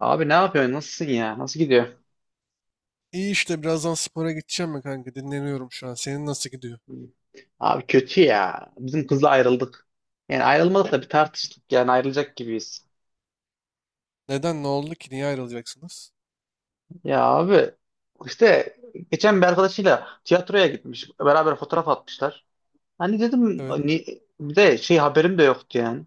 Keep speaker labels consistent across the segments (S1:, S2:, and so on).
S1: Abi ne yapıyorsun? Nasılsın ya? Nasıl gidiyor?
S2: İyi işte birazdan spora gideceğim mi kanka? Dinleniyorum şu an. Senin nasıl gidiyor?
S1: Abi kötü ya. Bizim kızla ayrıldık. Yani ayrılmadık da bir tartıştık. Yani ayrılacak gibiyiz.
S2: Neden? Ne oldu ki? Niye ayrılacaksınız?
S1: Ya abi işte geçen bir arkadaşıyla tiyatroya gitmiş. Beraber fotoğraf atmışlar. Hani dedim
S2: Evet.
S1: ni- Bir de şey haberim de yoktu yani.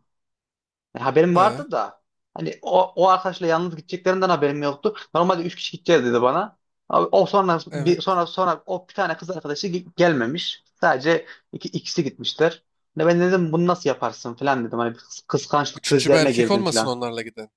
S1: Yani haberim
S2: He.
S1: vardı da hani o arkadaşla yalnız gideceklerinden haberim yoktu. Normalde üç kişi gideceğiz dedi bana. Abi, o sonra bir
S2: Evet.
S1: sonra sonra o bir tane kız gelmemiş. Sadece ikisi gitmişler. Ne ben dedim bunu nasıl yaparsın falan dedim. Hani bir kıskançlık
S2: Üçüncü bir
S1: krizlerine
S2: erkek
S1: girdim
S2: olmasın
S1: falan.
S2: onlarla giden.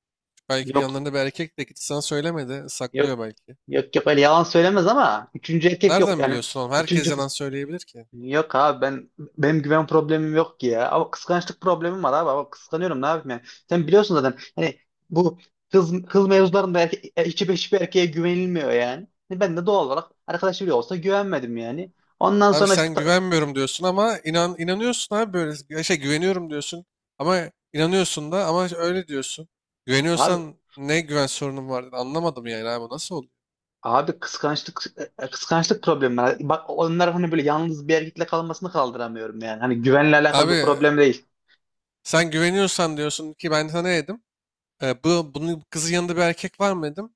S2: Belki bir
S1: Yok
S2: yanlarında bir erkek de gitti sana söylemedi.
S1: yok
S2: Saklıyor belki.
S1: yok, öyle yalan söylemez ama üçüncü erkek yok.
S2: Nereden
S1: Yani
S2: biliyorsun oğlum? Herkes
S1: üçüncü
S2: yalan söyleyebilir ki.
S1: Yok abi benim güven problemim yok ki ya. Ama kıskançlık problemim var abi. Ama kıskanıyorum ne yapayım yani. Sen biliyorsun zaten hani bu kız mevzularında hiçbir erkeğe güvenilmiyor yani. Hani ben de doğal olarak arkadaş bile olsa güvenmedim yani. Ondan
S2: Abi
S1: sonra işte
S2: sen
S1: ta-
S2: güvenmiyorum diyorsun ama inanıyorsun abi böyle. Ya şey güveniyorum diyorsun ama inanıyorsun da ama öyle diyorsun.
S1: abi
S2: Güveniyorsan ne güven sorunun var? Anlamadım yani abi bu nasıl oluyor?
S1: abi, kıskançlık kıskançlık problemi var. Bak onlar hani böyle yalnız bir erkekle kalmasını kaldıramıyorum yani. Hani güvenle alakalı bir
S2: Abi
S1: problem değil.
S2: sen güveniyorsan diyorsun ki ben sana ne dedim? Bunun kızın yanında bir erkek var mı dedim.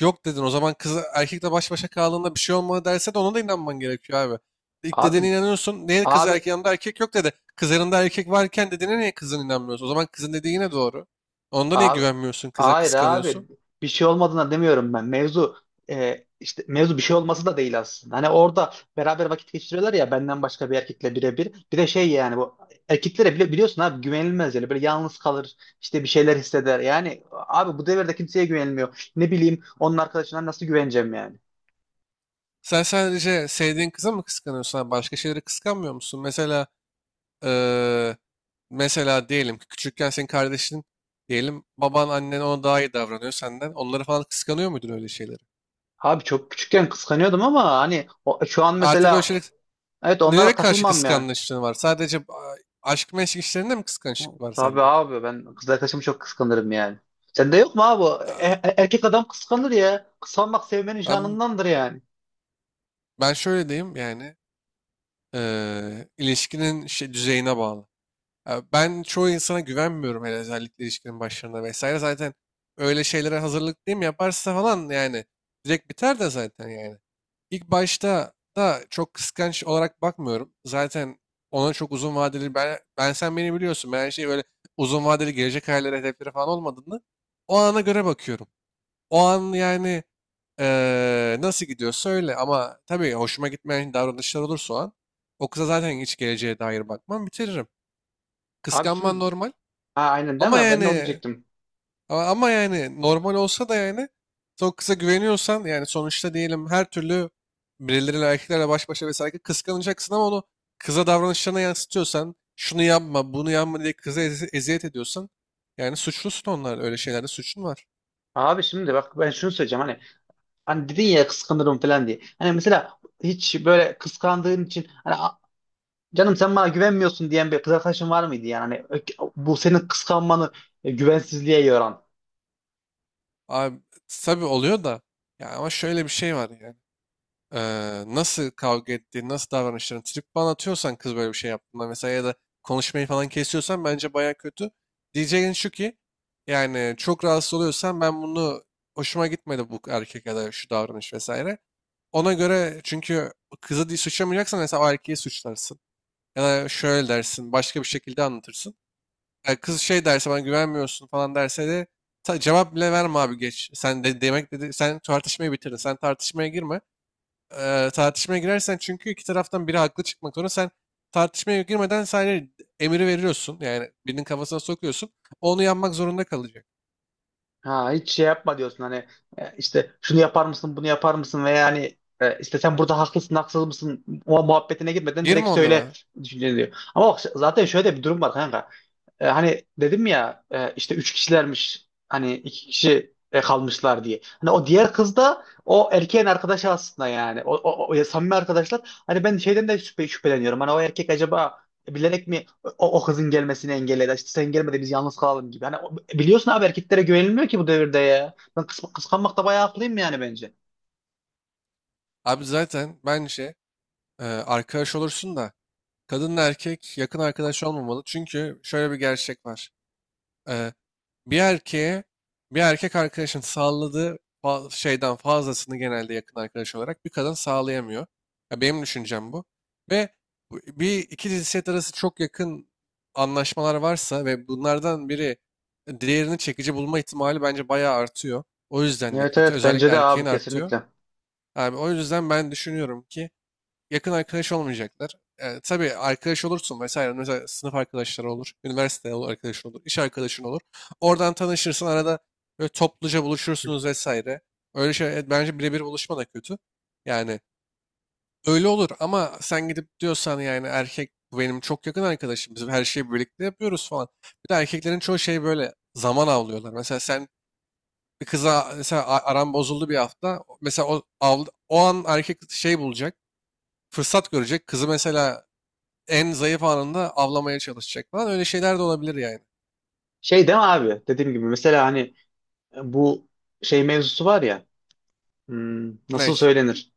S2: Yok dedin. O zaman kız erkekle baş başa kaldığında bir şey olmadı derse de ona da inanman gerekiyor abi. İlk dediğine
S1: Abi
S2: inanıyorsun. Niye kız erkek
S1: abi
S2: yanında erkek yok dedi. Kız yanında erkek varken dediğine niye kızın inanmıyorsun? O zaman kızın dediği yine doğru. Onda niye
S1: Abi,
S2: güvenmiyorsun kıza
S1: hayır abi
S2: kıskanıyorsun?
S1: bir şey olmadığına demiyorum ben. Mevzu e, işte mevzu bir şey olması da değil aslında. Hani orada beraber vakit geçiriyorlar ya benden başka bir erkekle birebir. Bir de şey yani bu erkeklere bile biliyorsun abi güvenilmez yani böyle yalnız kalır işte bir şeyler hisseder. Yani abi bu devirde kimseye güvenilmiyor. Ne bileyim onun arkadaşına nasıl güveneceğim yani.
S2: Sen sadece sevdiğin kıza mı kıskanıyorsun, abi? Başka şeyleri kıskanmıyor musun? Mesela eee, mesela diyelim ki küçükken senin kardeşin diyelim baban annen ona daha iyi davranıyor senden. Onları falan kıskanıyor muydun öyle şeyleri?
S1: Abi çok küçükken kıskanıyordum ama hani şu an
S2: Artık öyle
S1: mesela
S2: şeyleri.
S1: evet onlara
S2: Nelere karşı
S1: takılmam yani.
S2: kıskançlığın var? Sadece aşk meşk işlerinde mi kıskançlık var
S1: Tabii
S2: sende?
S1: abi ben kız arkadaşımı çok kıskanırım yani. Sende yok mu abi?
S2: Aa,
S1: Erkek adam kıskanır ya. Kıskanmak sevmenin
S2: ben,
S1: şanındandır yani.
S2: ben şöyle diyeyim yani. İlişkinin şey, düzeyine bağlı. Ya ben çoğu insana güvenmiyorum hele özellikle ilişkinin başlarında vesaire. Zaten öyle şeylere hazırlık değil mi yaparsa falan yani direkt biter de zaten yani. İlk başta da çok kıskanç olarak bakmıyorum. Zaten ona çok uzun vadeli ben sen beni biliyorsun. Ben her şeyi böyle uzun vadeli gelecek hayalleri hedefleri falan olmadığını o ana göre bakıyorum. O an yani nasıl gidiyorsa öyle ama tabii hoşuma gitmeyen davranışlar olursa o an o kıza zaten hiç geleceğe dair bakmam bitiririm.
S1: Abi
S2: Kıskanman
S1: şimdi
S2: normal.
S1: ha, aynen değil
S2: Ama
S1: mi? Ben de onu
S2: yani
S1: diyecektim.
S2: ama yani normal olsa da yani son kıza güveniyorsan yani sonuçta diyelim her türlü birileriyle erkeklerle baş başa vesaire kıskanacaksın ama onu kıza davranışlarına yansıtıyorsan şunu yapma bunu yapma diye kıza eziyet ediyorsan yani suçlusun onlar öyle şeylerde suçun var.
S1: Abi şimdi bak ben şunu söyleyeceğim hani dedin ya kıskanırım falan diye. Hani mesela hiç böyle kıskandığın için hani canım sen bana güvenmiyorsun" diyen bir kız arkadaşın var mıydı yani? Hani bu senin kıskanmanı güvensizliğe yoran.
S2: Abi tabii oluyor da ya ama şöyle bir şey var yani. Nasıl kavga ettiğini, nasıl davranışlarını trip falan atıyorsan kız böyle bir şey yaptığında mesela ya da konuşmayı falan kesiyorsan bence baya kötü. Diyeceğin şu ki yani çok rahatsız oluyorsan ben bunu hoşuma gitmedi bu erkek ya da şu davranış vesaire. Ona göre çünkü kızı diye suçlamayacaksan mesela o erkeği suçlarsın. Ya da şöyle dersin başka bir şekilde anlatırsın. Yani kız şey derse bana güvenmiyorsun falan derse de cevap bile verme abi geç. Sen de demek dedi sen tartışmayı bitirdin. Sen tartışmaya girme tartışmaya girersen çünkü iki taraftan biri haklı çıkmak zorunda. Sen tartışmaya girmeden sadece emiri veriyorsun. Yani birinin kafasına sokuyorsun. Onu yanmak zorunda kalacak.
S1: Ha, hiç şey yapma diyorsun hani işte şunu yapar mısın bunu yapar mısın ve yani işte sen burada haklısın haksız mısın o muhabbetine gitmeden direkt
S2: Girme
S1: söyle
S2: onlara.
S1: düşünceni diyor. Ama bak zaten şöyle de bir durum var kanka. Hani dedim ya işte üç kişilermiş hani iki kişi kalmışlar diye. Hani o diğer kız da o erkeğin arkadaşı aslında yani. Samimi arkadaşlar. Hani ben şeyden de şüpheleniyorum. Hani o erkek acaba bilerek mi o kızın gelmesini engel eder. İşte sen gelme de biz yalnız kalalım gibi. Hani biliyorsun abi erkeklere güvenilmiyor ki bu devirde ya. Ben kıskanmakta bayağı haklıyım yani bence.
S2: Abi zaten bence arkadaş olursun da kadınla erkek yakın arkadaş olmamalı. Çünkü şöyle bir gerçek var. E, Bir erkeğe bir erkek arkadaşın sağladığı şeyden fazlasını genelde yakın arkadaş olarak bir kadın sağlayamıyor. Ya benim düşüncem bu. Ve bir iki cinsiyet arası çok yakın anlaşmalar varsa ve bunlardan biri diğerini çekici bulma ihtimali bence bayağı artıyor. O yüzden de
S1: Evet,
S2: kötü.
S1: evet, bence
S2: Özellikle
S1: de abi
S2: erkeğin artıyor.
S1: kesinlikle.
S2: Yani o yüzden ben düşünüyorum ki yakın arkadaş olmayacaklar. E, tabii arkadaş olursun vesaire. Mesela sınıf arkadaşları olur, arkadaşın olur, iş arkadaşın olur. Oradan tanışırsın, arada böyle topluca buluşursunuz vesaire. Öyle şey evet, bence birebir buluşma da kötü. Yani öyle olur ama sen gidip diyorsan yani erkek bu benim çok yakın arkadaşım. Biz her şeyi birlikte yapıyoruz falan. Bir de erkeklerin çoğu şey böyle zaman avlıyorlar. Mesela sen bir kıza mesela aran bozuldu bir hafta. Mesela o an erkek şey bulacak fırsat görecek. Kızı mesela en zayıf anında avlamaya çalışacak falan. Öyle şeyler de olabilir yani.
S1: Şey değil mi abi? Dediğim gibi mesela hani bu şey mevzusu var ya.
S2: Ne?
S1: Nasıl söylenir?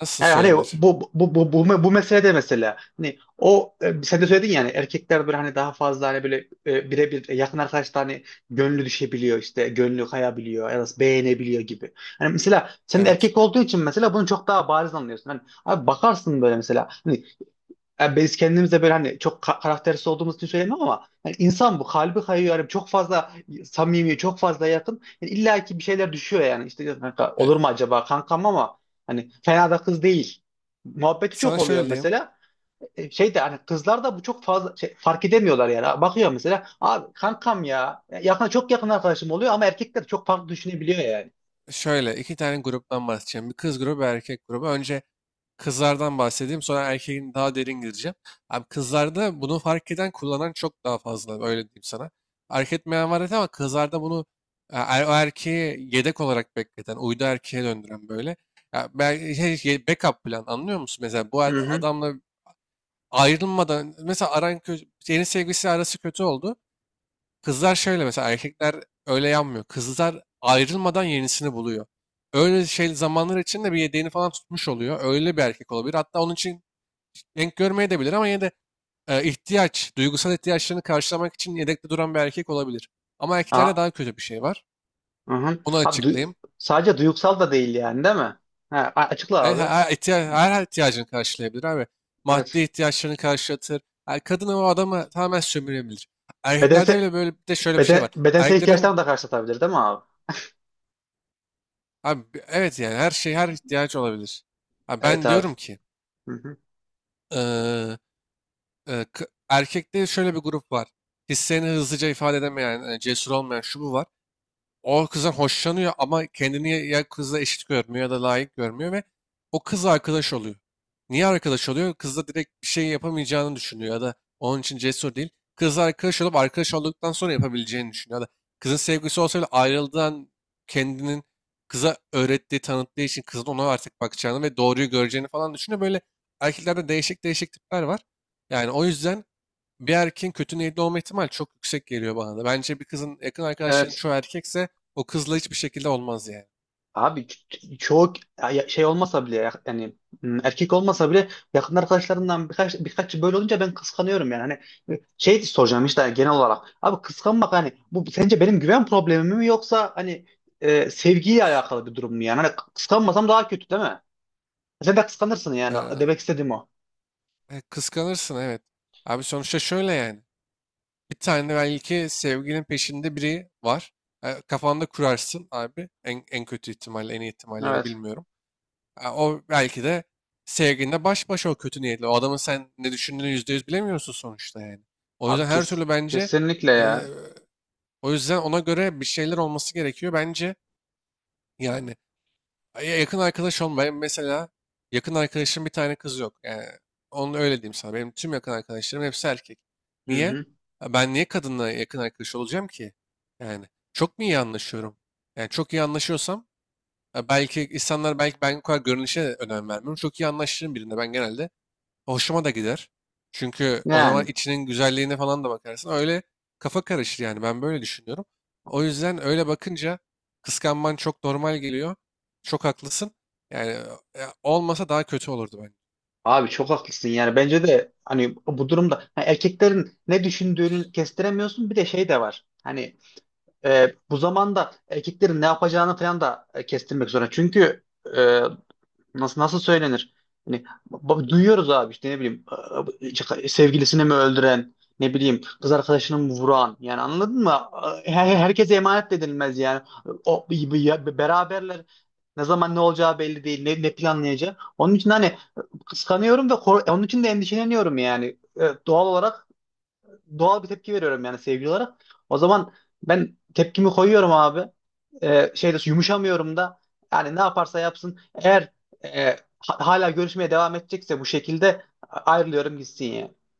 S2: Nasıl
S1: Yani hani bu
S2: söylenir?
S1: bu bu bu bu meselede mesela hani o sen de söyledin yani erkekler böyle hani daha fazla hani böyle birebir yakın arkadaşlar hani gönlü düşebiliyor işte gönlü kayabiliyor ya da beğenebiliyor gibi. Hani mesela sen de
S2: Evet.
S1: erkek olduğu için mesela bunu çok daha bariz anlıyorsun. Hani abi bakarsın böyle mesela hani yani biz kendimize böyle hani çok karaktersiz olduğumuz için söylemiyorum ama hani insan bu kalbi kayıyor yani çok fazla samimi çok fazla yakın yani illa ki bir şeyler düşüyor yani işte ya kanka
S2: E,
S1: olur mu acaba kankam ama hani fena da kız değil muhabbeti çok
S2: sana
S1: oluyor
S2: şöyle diyeyim.
S1: mesela. Şey de hani kızlar da bu çok fazla fark edemiyorlar yani bakıyor mesela abi kankam ya yakın çok yakın arkadaşım oluyor ama erkekler çok farklı düşünebiliyor yani.
S2: Şöyle iki tane gruptan bahsedeceğim. Bir kız grubu, bir erkek grubu. Önce kızlardan bahsedeyim. Sonra erkeğin daha derin gireceğim. Abi kızlarda bunu fark eden, kullanan çok daha fazla. Öyle diyeyim sana. Fark etmeyen var evet ama kızlarda bunu o erkeği yedek olarak bekleten, uydu erkeğe döndüren böyle. Ya belki backup plan anlıyor musun? Mesela bu
S1: Hı hı.
S2: adamla ayrılmadan mesela yeni sevgilisi arası kötü oldu. Kızlar şöyle mesela erkekler öyle yanmıyor. Kızlar ayrılmadan yenisini buluyor. Öyle şey zamanlar içinde bir yedeğini falan tutmuş oluyor. Öyle bir erkek olabilir. Hatta onun için denk görmeye de bilir ama yine de duygusal ihtiyaçlarını karşılamak için yedekte duran bir erkek olabilir. Ama erkeklerde
S1: Aa,
S2: daha kötü bir şey var.
S1: hı hı.
S2: Onu
S1: Abi
S2: açıklayayım.
S1: sadece duygusal da değil yani değil mi? Ha, açıkla
S2: Evet
S1: abi.
S2: her ihtiyacını karşılayabilir abi. Maddi
S1: Evet.
S2: ihtiyaçlarını karşılatır. Yani kadın o adamı tamamen sömürebilir. Erkeklerde
S1: bedensel
S2: bile böyle bir de şöyle bir şey var.
S1: Bedensel
S2: Erkeklerin
S1: ihtiyaçlarını da karşılatabilir değil mi abi?
S2: abi, evet yani her şey her ihtiyacı olabilir. Ha,
S1: Evet
S2: ben
S1: abi.
S2: diyorum ki
S1: Hı hı.
S2: eee, erkekte şöyle bir grup var. Hislerini hızlıca ifade edemeyen, cesur olmayan şu bu var. O kızdan hoşlanıyor ama kendini ya kızla eşit görmüyor ya da layık görmüyor ve o kız arkadaş oluyor. Niye arkadaş oluyor? Kızla direkt bir şey yapamayacağını düşünüyor ya da onun için cesur değil. Kızla arkadaş olup arkadaş olduktan sonra yapabileceğini düşünüyor. Ya da kızın sevgisi olsa bile ayrıldığın kendinin kıza öğrettiği, tanıttığı için kızın ona artık bakacağını ve doğruyu göreceğini falan düşünüyor. Böyle erkeklerde değişik tipler var. Yani o yüzden bir erkeğin kötü niyetli olma ihtimali çok yüksek geliyor bana da. Bence bir kızın yakın arkadaşların
S1: Evet.
S2: çoğu erkekse o kızla hiçbir şekilde olmaz yani.
S1: Abi çoğu şey olmasa bile yani erkek olmasa bile yakın arkadaşlarından birkaç böyle olunca ben kıskanıyorum yani. Hani şey soracağım işte hani, genel olarak. Abi kıskanmak hani bu sence benim güven problemim mi yoksa hani sevgiyle alakalı bir durum mu yani? Hani kıskanmasam daha kötü değil mi? Sen de kıskanırsın yani.
S2: Ee,
S1: Demek istediğim o.
S2: kıskanırsın evet. Abi sonuçta şöyle yani. Bir tane belki sevgilin peşinde biri var. Kafanda kurarsın abi. En kötü ihtimalle, en iyi ihtimalle ya da
S1: Evet.
S2: bilmiyorum. O belki de sevgilinle baş başa o kötü niyetli. O adamın sen ne düşündüğünü %100 bilemiyorsun sonuçta yani. O yüzden
S1: Abi
S2: her
S1: kes.
S2: türlü bence
S1: Kesinlikle
S2: e,
S1: ya.
S2: o yüzden ona göre bir şeyler olması gerekiyor bence. Yani ay, ya yakın arkadaş olma. Benim mesela yakın arkadaşım bir tane kız yok. Yani onu öyle diyeyim sana. Benim tüm yakın arkadaşlarım hepsi erkek.
S1: Hı
S2: Niye?
S1: hı.
S2: Ha, ben niye kadınla yakın arkadaş olacağım ki? Yani çok mu iyi anlaşıyorum? Yani çok iyi anlaşıyorsam ha, belki insanlar belki ben bu kadar görünüşe de önem vermiyorum. Çok iyi anlaşırım birine. Ben genelde hoşuma da gider. Çünkü o zaman
S1: Yani.
S2: içinin güzelliğine falan da bakarsın. Öyle kafa karışır yani ben böyle düşünüyorum. O yüzden öyle bakınca kıskanman çok normal geliyor. Çok haklısın. Yani olmasa daha kötü olurdu bence.
S1: Abi çok haklısın yani bence de hani bu durumda ha, erkeklerin ne düşündüğünü kestiremiyorsun bir de şey de var. Hani bu zamanda erkeklerin ne yapacağını falan da kestirmek zorunda. Çünkü e, nasıl söylenir? Hani duyuyoruz abi işte ne bileyim işte sevgilisini mi öldüren ne bileyim kız arkadaşını mı vuran yani anladın mı? Herkese emanet de edilmez yani. O, beraberler ne zaman ne olacağı belli değil, ne planlayacağı. Onun için hani kıskanıyorum ve onun için de endişeleniyorum yani. Evet, doğal olarak doğal bir tepki veriyorum yani sevgili olarak. O zaman ben tepkimi koyuyorum abi. Şeyde yumuşamıyorum da yani ne yaparsa yapsın eğer e, hala görüşmeye devam edecekse bu şekilde ayrılıyorum gitsin yani.